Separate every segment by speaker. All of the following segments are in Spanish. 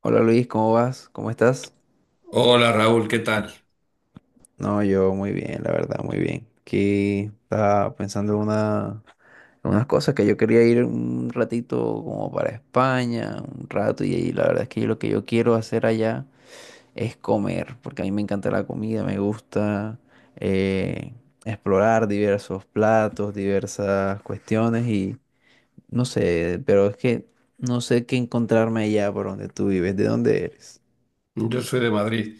Speaker 1: Hola Luis, ¿cómo vas? ¿Cómo estás?
Speaker 2: Hola Raúl, ¿qué tal?
Speaker 1: No, yo muy bien, la verdad, muy bien. Aquí estaba pensando en una, en unas cosas que yo quería ir un ratito como para España, un rato, y ahí la verdad es que yo lo que yo quiero hacer allá es comer, porque a mí me encanta la comida, me gusta eh, explorar diversos platos, diversas cuestiones y no sé, pero es que no sé qué encontrarme allá por donde tú vives, ¿de dónde eres?
Speaker 2: Yo soy de Madrid.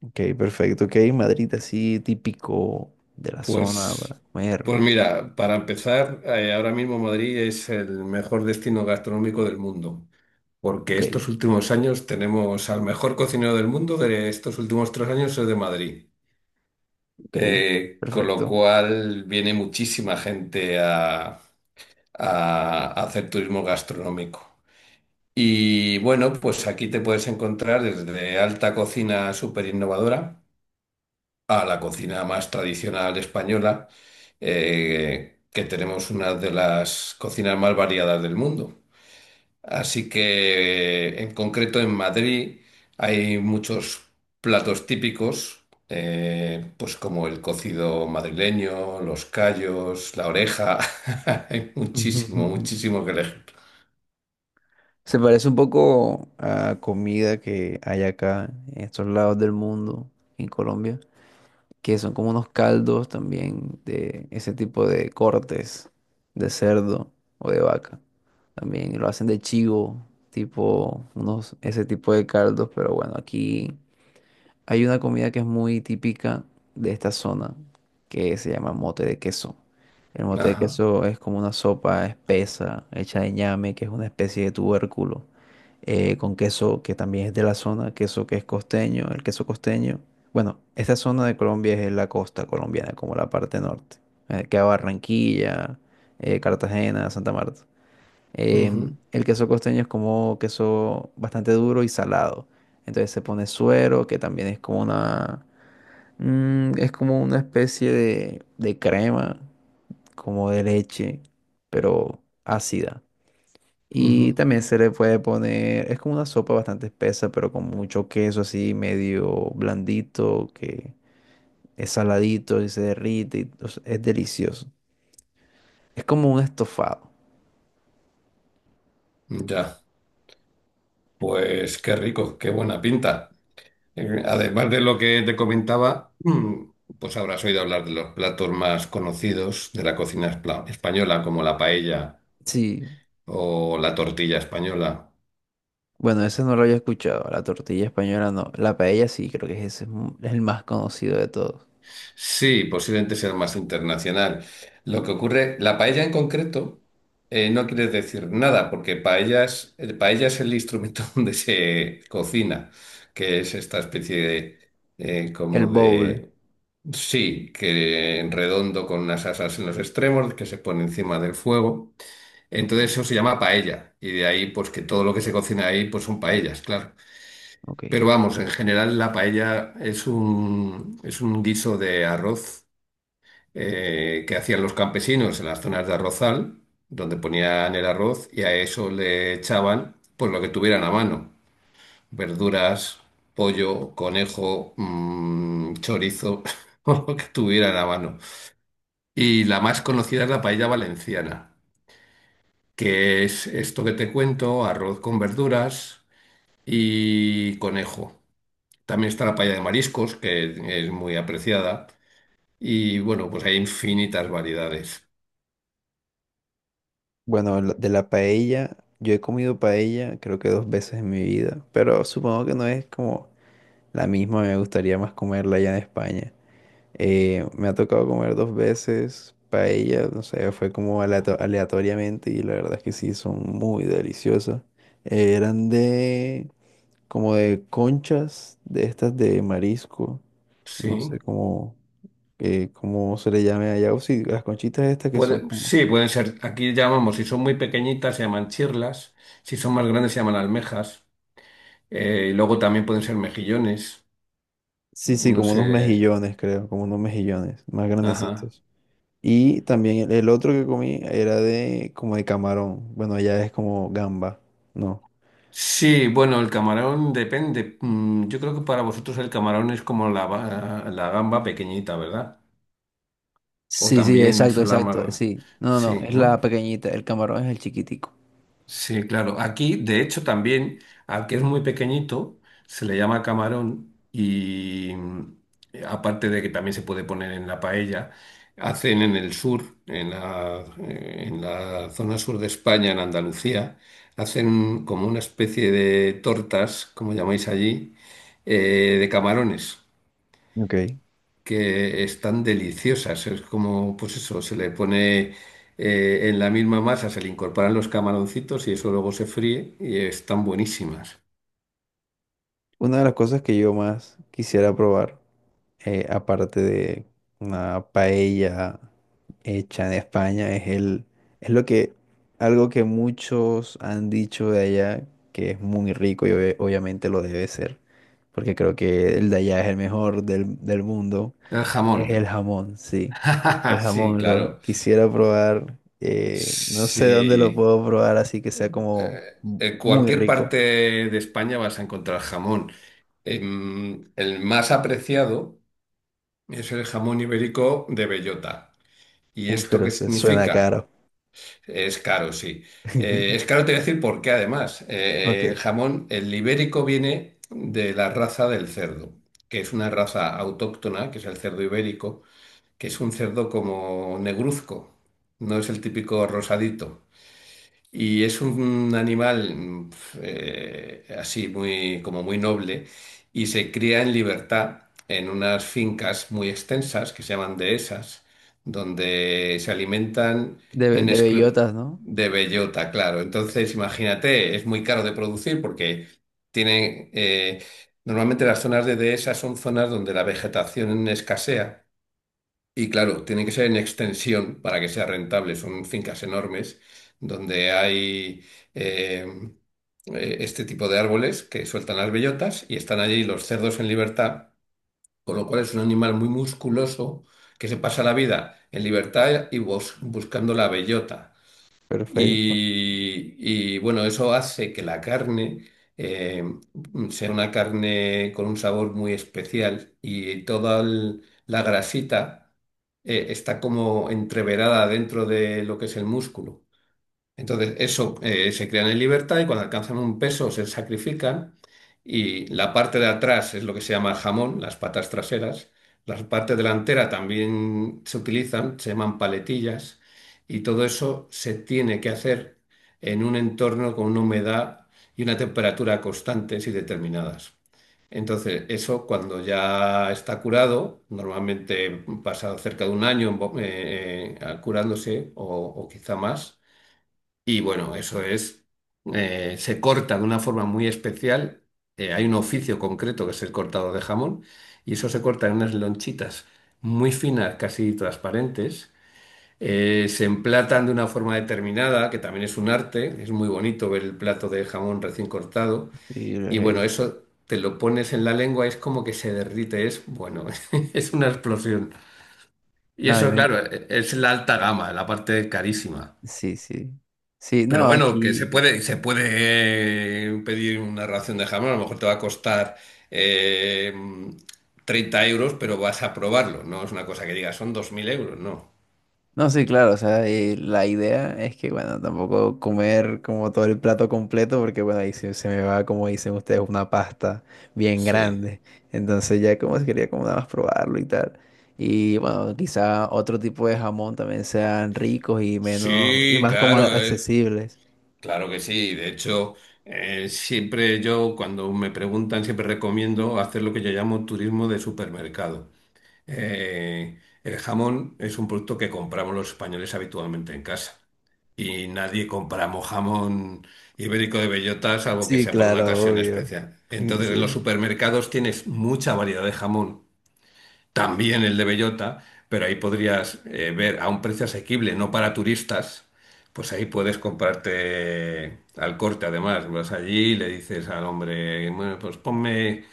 Speaker 1: Ok, perfecto. Ok, Madrid así típico de la zona
Speaker 2: Pues,
Speaker 1: para comer.
Speaker 2: pues mira, para empezar, ahora mismo Madrid es el mejor destino gastronómico del mundo, porque
Speaker 1: Ok,
Speaker 2: estos últimos años tenemos al mejor cocinero del mundo de estos últimos 3 años es de Madrid.
Speaker 1: ok,
Speaker 2: Con lo
Speaker 1: perfecto.
Speaker 2: cual viene muchísima gente a hacer turismo gastronómico. Y bueno, pues aquí te puedes encontrar desde alta cocina súper innovadora a la cocina más tradicional española, que tenemos una de las cocinas más variadas del mundo. Así que, en concreto, en Madrid hay muchos platos típicos, pues como el cocido madrileño, los callos, la oreja. Hay
Speaker 1: Ujú, ujú,
Speaker 2: muchísimo,
Speaker 1: ujú.
Speaker 2: muchísimo que elegir.
Speaker 1: Se parece un poco a comida que hay acá en estos lados del mundo, en Colombia, que son como unos caldos también de ese tipo de cortes de cerdo o de vaca. También lo hacen de chivo, tipo unos, ese tipo de caldos, pero bueno, aquí. Hay una comida que es muy típica de esta zona que se llama mote de queso. El mote de
Speaker 2: Ajá.
Speaker 1: queso es como una sopa espesa hecha de ñame, que es una especie de tubérculo, con queso que también es de la zona, queso que es costeño, el queso costeño. Bueno, esta zona de Colombia es la costa colombiana, como la parte norte, que va Barranquilla, Cartagena, Santa Marta. Eh,
Speaker 2: Ujú,
Speaker 1: el queso costeño es como queso bastante duro y salado. Entonces se pone suero, que también es como una, es como una especie de crema, como de leche, pero ácida. Y
Speaker 2: ujú.
Speaker 1: también se le puede poner, es como una sopa bastante espesa, pero con mucho queso así medio blandito, que es saladito y se derrite, y, o sea, es delicioso. Es como un estofado.
Speaker 2: Ya. Pues qué rico, qué buena pinta. Además de lo que te comentaba, pues habrás oído hablar de los platos más conocidos de la cocina española, como la paella
Speaker 1: Sí.
Speaker 2: o la tortilla española.
Speaker 1: Bueno, ese no lo había escuchado. La tortilla española no. La paella sí, creo que ese es mu- es el más conocido de todos.
Speaker 2: Sí, posiblemente sea más internacional. Lo que ocurre, la paella en concreto no quiere decir nada, porque paella es el instrumento donde se cocina, que es esta especie de,
Speaker 1: El
Speaker 2: como
Speaker 1: bowl.
Speaker 2: de. Sí, que redondo con unas asas en los extremos que se pone encima del fuego.
Speaker 1: Ok,
Speaker 2: Entonces eso se llama paella y de ahí pues que todo lo que se cocina ahí pues son paellas, claro.
Speaker 1: ok.
Speaker 2: Pero vamos, en general la paella es un guiso de arroz que hacían los campesinos en las zonas de arrozal, donde ponían el arroz y a eso le echaban pues lo que tuvieran a mano, verduras, pollo, conejo, chorizo, o lo que tuvieran a mano. Y la más conocida es la paella valenciana, que es esto que te cuento, arroz con verduras y conejo. También está la paella de mariscos, que es muy apreciada. Y bueno, pues hay infinitas variedades.
Speaker 1: Bueno, la- de la paella, yo he comido paella creo que dos veces en mi vida, pero supongo que no es como la misma, me gustaría más comerla allá en España. Me ha tocado comer dos veces paella, no sé, fue como aleato- aleatoriamente y la verdad es que sí, son muy deliciosas. Eran de... como de conchas de estas de marisco,
Speaker 2: Sí,
Speaker 1: no sé cómo, cómo se le llame allá, o sí, las conchitas estas que son
Speaker 2: puede,
Speaker 1: como,
Speaker 2: sí, pueden ser, aquí llamamos, si son muy pequeñitas se llaman chirlas, si son más grandes se llaman almejas. Y luego también pueden ser mejillones,
Speaker 1: sí, sí,
Speaker 2: no
Speaker 1: como unos
Speaker 2: sé.
Speaker 1: mejillones, creo, como unos mejillones más
Speaker 2: Ajá.
Speaker 1: grandecitos. Y también el otro que comí era de como de camarón, bueno, allá es como gamba, ¿no?
Speaker 2: Sí, bueno, el camarón depende. Yo creo que para vosotros el camarón es como la gamba pequeñita, ¿verdad? O
Speaker 1: Sí, sí,
Speaker 2: también
Speaker 1: exacto,
Speaker 2: son las más
Speaker 1: exacto, sí. No, no, no,
Speaker 2: Sí,
Speaker 1: es
Speaker 2: ¿no?
Speaker 1: la pequeñita, el camarón es el chiquitico.
Speaker 2: Sí, claro. Aquí, de hecho, también, al que es muy pequeñito, se le llama camarón y aparte de que también se puede poner en la paella, hacen en el sur, en en la zona sur de España, en Andalucía, hacen como una especie de tortas, como llamáis allí, de camarones
Speaker 1: Ok.
Speaker 2: que están deliciosas. Es como, pues eso, se le pone en la misma masa, se le incorporan los camaroncitos y eso luego se fríe y están buenísimas.
Speaker 1: Una de las cosas que yo más quisiera probar. Aparte de una paella hecha en España, es el, es lo que, algo que muchos han dicho de allá, que es muy rico y obvia- obviamente lo debe ser, porque creo que el de allá es el mejor del, del mundo,
Speaker 2: El
Speaker 1: es el
Speaker 2: jamón.
Speaker 1: jamón, sí. El
Speaker 2: Sí,
Speaker 1: jamón lo
Speaker 2: claro.
Speaker 1: quisiera probar, no sé dónde lo
Speaker 2: Sí.
Speaker 1: puedo probar, así que sea como
Speaker 2: Eh,
Speaker 1: mu-
Speaker 2: en
Speaker 1: muy
Speaker 2: cualquier
Speaker 1: rico.
Speaker 2: parte de España vas a encontrar jamón. El más apreciado es el jamón ibérico de bellota. ¿Y
Speaker 1: Uy,
Speaker 2: esto
Speaker 1: pero
Speaker 2: qué
Speaker 1: se suena caro.
Speaker 2: significa? Es caro, sí. Es caro, te voy a decir por qué además. El
Speaker 1: Ok.
Speaker 2: jamón, el ibérico viene de la raza del cerdo, que es una raza autóctona, que es el cerdo ibérico, que es un cerdo como negruzco, no es el típico rosadito. Y es un animal así muy, como muy noble y se cría en libertad en unas fincas muy extensas que se llaman dehesas, donde se alimentan en
Speaker 1: De
Speaker 2: exclu-
Speaker 1: bellotas, ¿no?
Speaker 2: de bellota, claro. Entonces, imagínate, es muy caro de producir porque tienen normalmente las zonas de dehesas son zonas donde la vegetación escasea. Y claro, tiene que ser en extensión para que sea rentable. Son fincas enormes donde hay eh, este tipo de árboles que sueltan las bellotas y están allí los cerdos en libertad, con lo cual es un animal muy musculoso que se pasa la vida en libertad y buscando la bellota.
Speaker 1: Perfecto.
Speaker 2: Y, bueno, eso hace que la carne eh, sea una carne con un sabor muy especial y toda la grasita está como entreverada dentro de lo que es el músculo. Entonces, eso se crean en libertad y cuando alcanzan un peso se sacrifican y la parte de atrás es lo que se llama el jamón, las patas traseras. La parte delantera también se utilizan, se llaman paletillas y todo eso se tiene que hacer en un entorno con una humedad y una temperatura constantes y determinadas. Entonces, eso cuando ya está curado, normalmente pasa cerca de un año en curándose o quizá más. Y bueno, eso es, se corta de una forma muy especial. Hay un oficio concreto que es el cortado de jamón y eso se corta en unas lonchitas muy finas, casi transparentes. Se emplatan de una forma determinada, que también es un arte. Es muy bonito ver el plato de jamón recién cortado.
Speaker 1: Sí, los
Speaker 2: Y
Speaker 1: he
Speaker 2: bueno,
Speaker 1: visto.
Speaker 2: eso te lo pones en la lengua, es como que se derrite, es bueno, es una explosión. Y
Speaker 1: No, a mí
Speaker 2: eso,
Speaker 1: me...
Speaker 2: claro, es la alta gama, la parte carísima.
Speaker 1: Sí, sí. Sí, no,
Speaker 2: Pero bueno, que se
Speaker 1: aquí...
Speaker 2: puede, se puede pedir una ración de jamón, a lo mejor te va a costar eh, 30 euros, pero vas a probarlo, no es una cosa que digas, son 2000 euros, no.
Speaker 1: No, sí, claro, o sea, la idea es que, bueno, tampoco comer como todo el plato completo, porque, bueno, ahí se, se me va, como dicen ustedes, una pasta bien
Speaker 2: Sí.
Speaker 1: grande. Entonces ya como se quería como nada más probarlo y tal. Y, bueno, quizá otro tipo de jamón también sean ricos y menos... y
Speaker 2: Sí,
Speaker 1: más como
Speaker 2: claro,
Speaker 1: accesibles.
Speaker 2: claro que sí. De hecho, siempre yo, cuando me preguntan, siempre recomiendo hacer lo que yo llamo turismo de supermercado. El jamón es un producto que compramos los españoles habitualmente en casa. Y nadie compramos jamón ibérico de bellota, salvo que
Speaker 1: Sí,
Speaker 2: sea por una
Speaker 1: claro,
Speaker 2: ocasión
Speaker 1: obvio.
Speaker 2: especial. Entonces,
Speaker 1: Sí.
Speaker 2: en los supermercados tienes mucha variedad de jamón, también el de bellota, pero ahí podrías ver a un precio asequible, no para turistas. Pues ahí puedes comprarte al corte, además. Vas allí y le dices al hombre, bueno, pues ponme.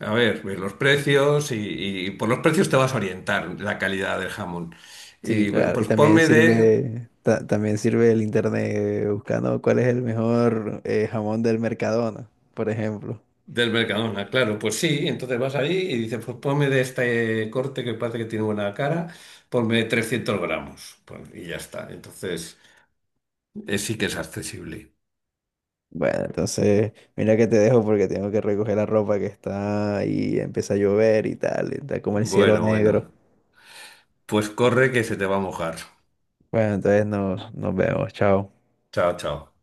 Speaker 2: A ver, ver los precios y por los precios te vas a orientar la calidad del jamón.
Speaker 1: Sí,
Speaker 2: Y bueno,
Speaker 1: claro, y
Speaker 2: pues
Speaker 1: también
Speaker 2: ponme de,
Speaker 1: sirve, ta- también sirve el internet buscando cuál es el mejor jamón del Mercadona, por ejemplo.
Speaker 2: del Mercadona, claro, pues sí, entonces vas ahí y dices, pues ponme de este corte que parece que tiene buena cara, ponme 300 gramos, pues, y ya está. Entonces sí que es accesible.
Speaker 1: Bueno, entonces, mira que te dejo porque tengo que recoger la ropa que está y empieza a llover y tal, y está como el cielo
Speaker 2: Bueno,
Speaker 1: negro.
Speaker 2: bueno, pues corre que se te va a mojar.
Speaker 1: Bueno, entonces nos, nos vemos, chao.
Speaker 2: Chao, chao.